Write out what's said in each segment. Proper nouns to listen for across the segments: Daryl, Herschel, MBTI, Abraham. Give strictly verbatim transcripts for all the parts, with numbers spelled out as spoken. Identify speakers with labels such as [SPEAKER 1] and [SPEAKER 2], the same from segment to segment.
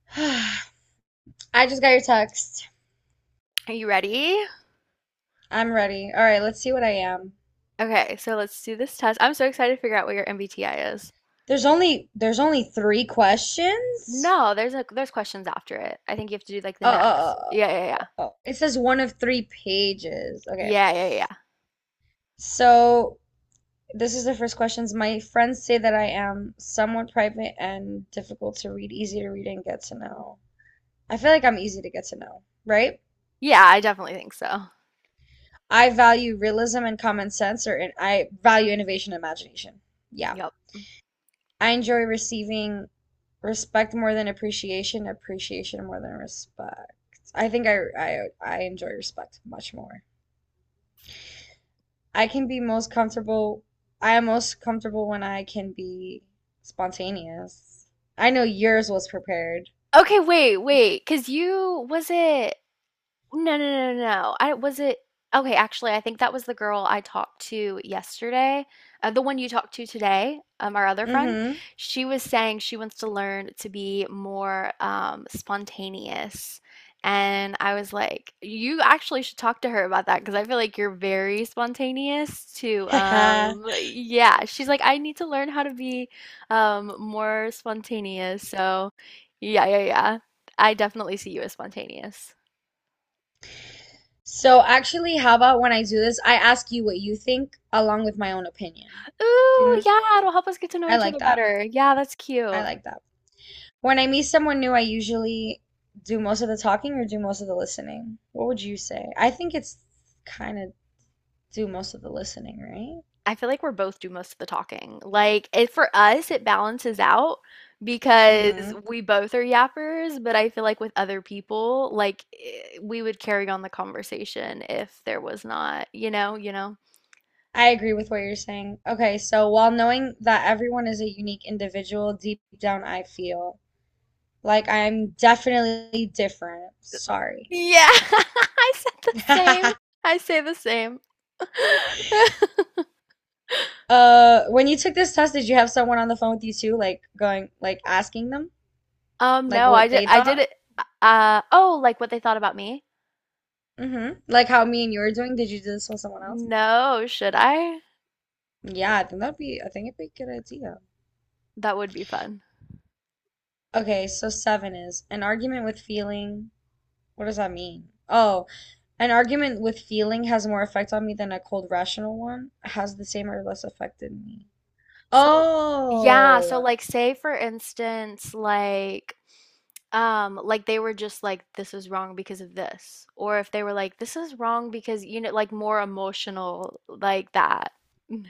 [SPEAKER 1] I just got your text.
[SPEAKER 2] Are you ready?
[SPEAKER 1] I'm ready. All right, let's see what I am.
[SPEAKER 2] Okay, so let's do this test. I'm so excited to figure out what your M B T I is.
[SPEAKER 1] There's only there's only three questions?
[SPEAKER 2] No, there's a there's questions after it. I think you have to do like
[SPEAKER 1] Uh,
[SPEAKER 2] the
[SPEAKER 1] uh,
[SPEAKER 2] next.
[SPEAKER 1] uh,
[SPEAKER 2] Yeah,
[SPEAKER 1] uh,
[SPEAKER 2] yeah, yeah.
[SPEAKER 1] uh, uh. it says one of three pages. Okay.
[SPEAKER 2] Yeah, yeah, yeah.
[SPEAKER 1] So this is the first questions. My friends say that I am somewhat private and difficult to read, easy to read and get to know. I feel like I'm easy to get to know, right?
[SPEAKER 2] Yeah, I definitely think so.
[SPEAKER 1] I value realism and common sense, or in, I value innovation and imagination. Yeah.
[SPEAKER 2] Yep.
[SPEAKER 1] I enjoy receiving respect more than appreciation, appreciation more than respect. I think I I I enjoy respect much more. I can be most comfortable I am most comfortable when I can be spontaneous. I know yours was prepared.
[SPEAKER 2] Okay, wait, wait, because you was it. No, no, no, no, no. I was it. Okay, actually, I think that was the girl I talked to yesterday. Uh, the one you talked to today, um, our other friend.
[SPEAKER 1] Mm-hmm.
[SPEAKER 2] She was saying she wants to learn to be more um, spontaneous. And I was like, you actually should talk to her about that because I feel like you're very spontaneous too.
[SPEAKER 1] Haha.
[SPEAKER 2] Um, yeah, she's like, I need to learn how to be um, more spontaneous. So, yeah, yeah, yeah. I definitely see you as spontaneous.
[SPEAKER 1] So actually, how about when I do this, I ask you what you think along with my own opinion.
[SPEAKER 2] Ooh,
[SPEAKER 1] Didn't
[SPEAKER 2] yeah, it'll help us get to know
[SPEAKER 1] I
[SPEAKER 2] each
[SPEAKER 1] like
[SPEAKER 2] other
[SPEAKER 1] that?
[SPEAKER 2] better. Yeah, that's
[SPEAKER 1] I
[SPEAKER 2] cute.
[SPEAKER 1] like that. When I meet someone new, I usually do most of the talking or do most of the listening. What would you say? I think it's kind of do most of the listening,
[SPEAKER 2] I feel like we're both do most of the talking. Like, it for us, it balances out
[SPEAKER 1] right?
[SPEAKER 2] because
[SPEAKER 1] Mm-hmm.
[SPEAKER 2] we both are yappers, but I feel like with other people, like eh, we would carry on the conversation if there was not, you know, you know.
[SPEAKER 1] I agree with what you're saying. Okay, so while knowing that everyone is a unique individual, deep down I feel like I'm definitely different. Sorry.
[SPEAKER 2] Yeah, I said the same. I say the same.
[SPEAKER 1] Uh, when you took this test, did you have someone on the phone with you too, like going, like asking them,
[SPEAKER 2] Um,
[SPEAKER 1] like
[SPEAKER 2] no, I
[SPEAKER 1] what
[SPEAKER 2] did
[SPEAKER 1] they
[SPEAKER 2] I did
[SPEAKER 1] thought?
[SPEAKER 2] it. uh oh, like what they thought about me?
[SPEAKER 1] Mm-hmm. Like how me and you were doing? Did you do this with someone else?
[SPEAKER 2] No, should I?
[SPEAKER 1] Yeah, I think that'd be, I think it'd be a good idea.
[SPEAKER 2] That would be fun.
[SPEAKER 1] Okay, so seven is an argument with feeling. What does that mean? Oh, an argument with feeling has more effect on me than a cold rational one. Has the same or less effect in me.
[SPEAKER 2] So, yeah, so
[SPEAKER 1] Oh,
[SPEAKER 2] like say for instance, like um like they were just like this is wrong because of this or if they were like this is wrong because you know like more emotional like that.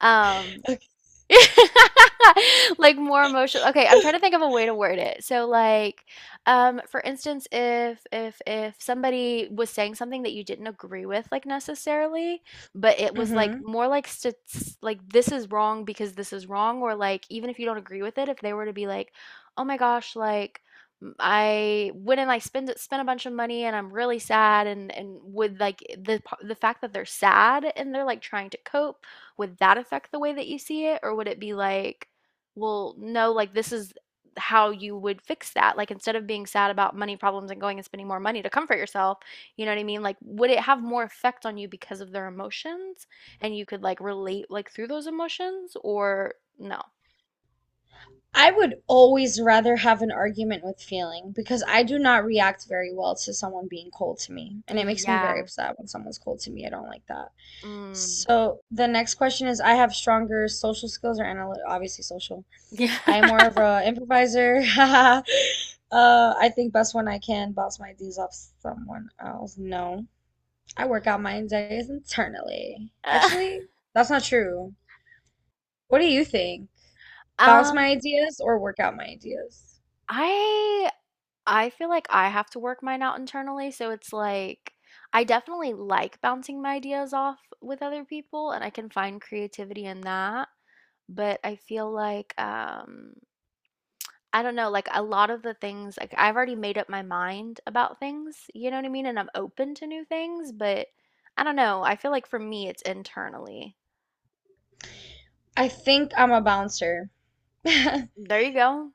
[SPEAKER 2] Um
[SPEAKER 1] okay.
[SPEAKER 2] like more emotional. Okay, I'm trying to think of a way to word it. So like um for instance if if if somebody was saying something that you didn't agree with like necessarily, but it was like
[SPEAKER 1] Hmm.
[SPEAKER 2] more like st- s- like this is wrong because this is wrong or like even if you don't agree with it if they were to be like, "Oh my gosh, like m- I went and I spent spent a bunch of money and I'm really sad and and would like the p- the fact that they're sad and they're like trying to cope would that affect the way that you see it? Or would it be like, well, no, like this is how you would fix that? Like instead of being sad about money problems and going and spending more money to comfort yourself, you know what I mean? Like, would it have more effect on you because of their emotions and you could like relate like through those emotions or no?
[SPEAKER 1] I would always rather have an argument with feeling because I do not react very well to someone being cold to me. And it makes me very
[SPEAKER 2] Yeah.
[SPEAKER 1] upset when someone's cold to me. I don't like that.
[SPEAKER 2] Mm.
[SPEAKER 1] So the next question is I have stronger social skills or analytical, obviously social.
[SPEAKER 2] Yeah.
[SPEAKER 1] I'm more of a improviser. Uh, I think best when I can bounce my ideas off someone else. No, I work out my ideas internally. Actually, that's not true. What do you think? Bounce my
[SPEAKER 2] Um,
[SPEAKER 1] ideas or work out my ideas?
[SPEAKER 2] I I feel like I have to work mine out internally, so it's like I definitely like bouncing my ideas off with other people and I can find creativity in that, but I feel like um I don't know, like a lot of the things like I've already made up my mind about things, you know what I mean? And I'm open to new things, but I don't know, I feel like for me it's internally.
[SPEAKER 1] I think I'm a bouncer.
[SPEAKER 2] There you go.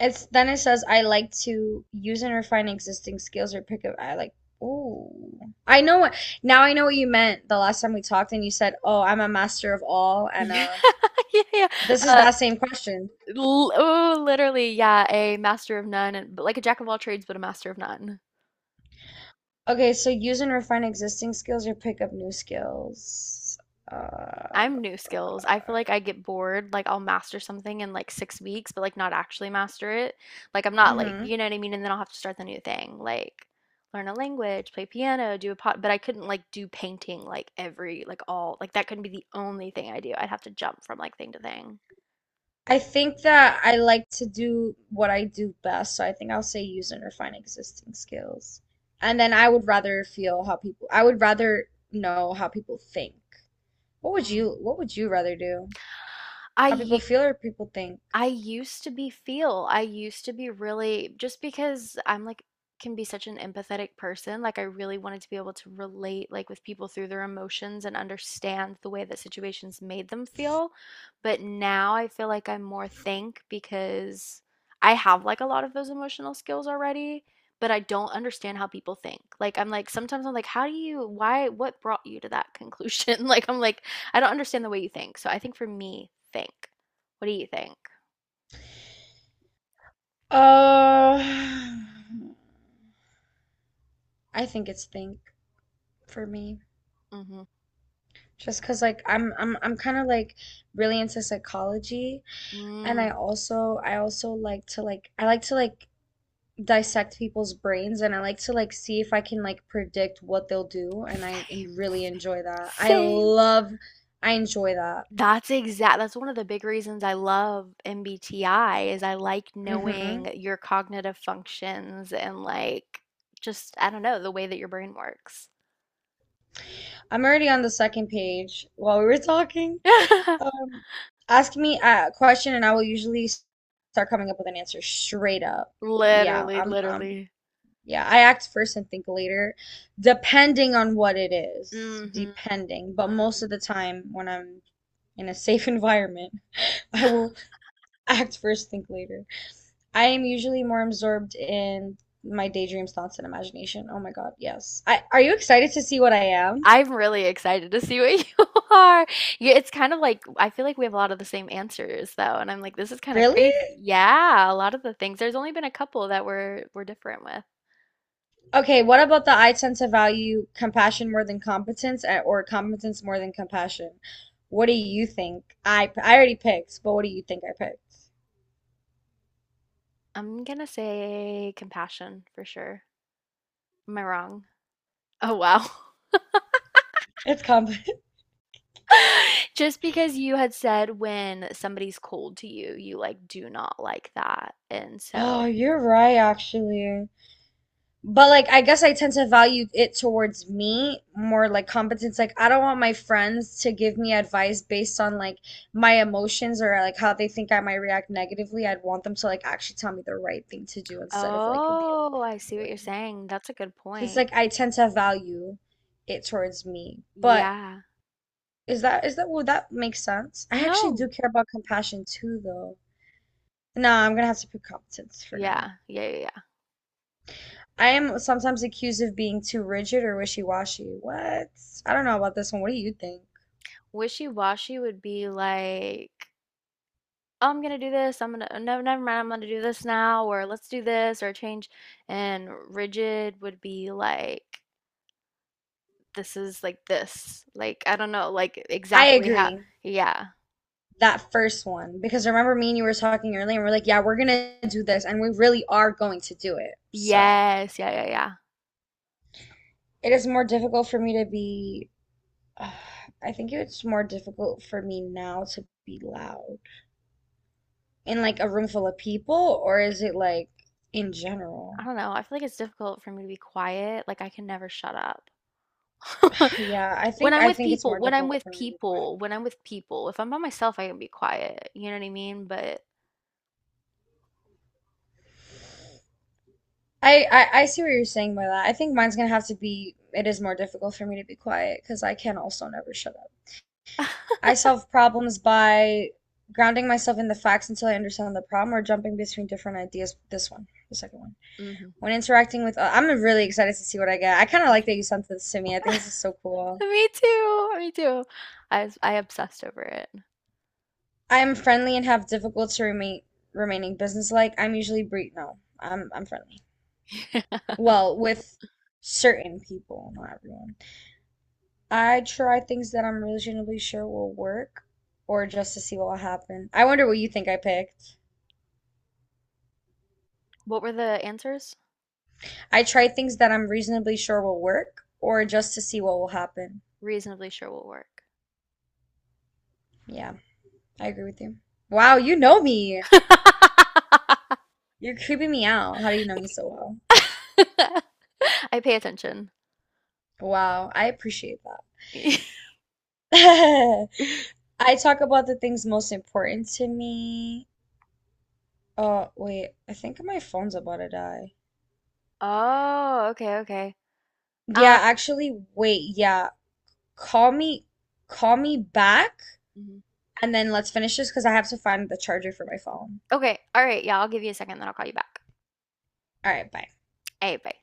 [SPEAKER 1] It's then it says I like to use and refine existing skills or pick up. I like. Ooh, I know what now. I know what you meant the last time we talked, and you said, "Oh, I'm a master of all," and
[SPEAKER 2] Yeah,
[SPEAKER 1] uh,
[SPEAKER 2] yeah, yeah.
[SPEAKER 1] this is
[SPEAKER 2] Uh,
[SPEAKER 1] that same question.
[SPEAKER 2] l oh, literally, yeah, a master of none, and, but like a jack of all trades, but a master of none.
[SPEAKER 1] Okay, so use and refine existing skills or pick up new skills. Uh,
[SPEAKER 2] I'm new skills. I feel like I get bored. Like I'll master something in like six weeks, but like not actually master it. Like I'm not like,
[SPEAKER 1] hmm
[SPEAKER 2] you know what I mean? And then I'll have to start the new thing. Like learn a language, play piano, do a pot, but I couldn't like do painting like every, like all, like that couldn't be the only thing I do. I'd have to jump from like thing to thing.
[SPEAKER 1] I think that I like to do what I do best, so I think I'll say use and refine existing skills. And then I would rather feel how people, I would rather know how people think. What would
[SPEAKER 2] Mm.
[SPEAKER 1] you, what would you rather do? How people
[SPEAKER 2] I
[SPEAKER 1] feel or people think?
[SPEAKER 2] I used to be feel. I used to be really just because I'm like can be such an empathetic person, like I really wanted to be able to relate like with people through their emotions and understand the way that situations made them feel. But now I feel like I'm more think because I have like a lot of those emotional skills already, but I don't understand how people think. Like I'm like sometimes I'm like how do you why what brought you to that conclusion? Like I'm like I don't understand the way you think. So I think for me, think. What do you think?
[SPEAKER 1] Uh, I think it's think for me.
[SPEAKER 2] Mhm.
[SPEAKER 1] Just cause like I'm I'm I'm kind of like really into psychology and I
[SPEAKER 2] Mm.
[SPEAKER 1] also I also like to like I like to like dissect people's brains and I like to like see if I can like predict what they'll do and I
[SPEAKER 2] Same.
[SPEAKER 1] en- really enjoy that. I
[SPEAKER 2] Same.
[SPEAKER 1] love I enjoy that.
[SPEAKER 2] That's exact. That's one of the big reasons I love M B T I is I like
[SPEAKER 1] Hmm.
[SPEAKER 2] knowing your cognitive functions and like just I don't know the way that your brain works.
[SPEAKER 1] I'm already on the second page while we were talking. Um, ask me a question and I will usually s- start coming up with an answer straight up. Yeah,
[SPEAKER 2] Literally,
[SPEAKER 1] I'm I'm
[SPEAKER 2] literally.
[SPEAKER 1] yeah, I act first and think later, depending on what it is.
[SPEAKER 2] Hmm.
[SPEAKER 1] Depending. But most
[SPEAKER 2] Hmm.
[SPEAKER 1] of the time, when I'm in a safe environment, I will act first, think later. I am usually more absorbed in my daydreams, thoughts, and imagination. Oh my God, yes. I, are you excited to see what I am?
[SPEAKER 2] I'm really excited to see what you are. Yeah, it's kind of like I feel like we have a lot of the same answers though, and I'm like, this is kind of
[SPEAKER 1] Really?
[SPEAKER 2] crazy. Yeah, a lot of the things. There's only been a couple that we're we're different with.
[SPEAKER 1] Okay, what about the I tend to value compassion more than competence eh, or competence more than compassion? What do you think? I I already picked, but what do you think I picked?
[SPEAKER 2] I'm gonna say compassion for sure. Am I wrong? Oh, wow.
[SPEAKER 1] It's competence.
[SPEAKER 2] Just because you had said when somebody's cold to you, you like do not like that. And
[SPEAKER 1] Oh,
[SPEAKER 2] so,
[SPEAKER 1] you're right, actually. But like, I guess I tend to value it towards me more like competence. Like, I don't want my friends to give me advice based on like my emotions or like how they think I might react negatively. I'd want them to like actually tell me the right thing to do instead of like the
[SPEAKER 2] oh, I
[SPEAKER 1] emotional
[SPEAKER 2] see what you're
[SPEAKER 1] way.
[SPEAKER 2] saying. That's a good
[SPEAKER 1] Since
[SPEAKER 2] point.
[SPEAKER 1] like I tend to value it towards me. But
[SPEAKER 2] Yeah.
[SPEAKER 1] is that is that would that make sense? I actually do
[SPEAKER 2] No.
[SPEAKER 1] care about compassion too, though. No, I'm gonna have to pick competence for now.
[SPEAKER 2] Yeah. Yeah. Yeah. Yeah.
[SPEAKER 1] I am sometimes accused of being too rigid or wishy-washy. What? I don't know about this one. What do you think?
[SPEAKER 2] Wishy-washy would be like, oh, I'm gonna do this. I'm gonna, no, never mind. I'm gonna do this now, or let's do this, or change. And rigid would be like, this is like this. Like, I don't know, like
[SPEAKER 1] I
[SPEAKER 2] exactly how
[SPEAKER 1] agree.
[SPEAKER 2] yeah.
[SPEAKER 1] That first one, because remember me and you were talking earlier, and we're like, yeah, we're gonna do this, and we really are going to do it. So
[SPEAKER 2] Yes, yeah, yeah, yeah.
[SPEAKER 1] it is more difficult for me to be. Uh, I think it's more difficult for me now to be loud in like a room full of people, or is it like in general?
[SPEAKER 2] I don't know. I feel like it's difficult for me to be quiet. Like I can never shut up.
[SPEAKER 1] Yeah, I
[SPEAKER 2] When
[SPEAKER 1] think
[SPEAKER 2] I'm
[SPEAKER 1] I
[SPEAKER 2] with
[SPEAKER 1] think it's
[SPEAKER 2] people,
[SPEAKER 1] more
[SPEAKER 2] when I'm
[SPEAKER 1] difficult
[SPEAKER 2] with
[SPEAKER 1] for me to be quiet.
[SPEAKER 2] people, when I'm with people, if I'm by myself, I can be quiet. You know what I mean? But
[SPEAKER 1] I, I I see what you're saying by that. I think mine's gonna have to be it is more difficult for me to be quiet because I can also never shut up. I solve problems by grounding myself in the facts until I understand the problem or jumping between different ideas. This one, the second one.
[SPEAKER 2] mhm.
[SPEAKER 1] When interacting with, uh, I'm really excited to see what I get. I kind of
[SPEAKER 2] Me
[SPEAKER 1] like
[SPEAKER 2] too.
[SPEAKER 1] that you sent this to me. I think this is so cool.
[SPEAKER 2] Me too. Me too. I was- I obsessed over it.
[SPEAKER 1] I am friendly and have difficulty remain remaining businesslike. I'm usually bre no, I'm I'm friendly. Well, with certain people, not everyone. I try things that I'm reasonably sure will work or just to see what will happen. I wonder what you think I picked.
[SPEAKER 2] What were the answers?
[SPEAKER 1] I try things that I'm reasonably sure will work or just to see what will happen.
[SPEAKER 2] Reasonably sure will work.
[SPEAKER 1] Yeah, I agree with you. Wow, you know me. You're creeping me out. How do you know me so well?
[SPEAKER 2] I pay attention.
[SPEAKER 1] Wow, I appreciate that. I talk about the things most important to me. Oh, wait, I think my phone's about to die.
[SPEAKER 2] Oh, okay, okay. Um,
[SPEAKER 1] Yeah, actually, wait, yeah. Call me call me back
[SPEAKER 2] mhm.
[SPEAKER 1] and then let's finish this because I have to find the charger for my phone.
[SPEAKER 2] Okay. All right. Yeah, I'll give you a second, then I'll call you back.
[SPEAKER 1] All right, bye.
[SPEAKER 2] Hey, bye.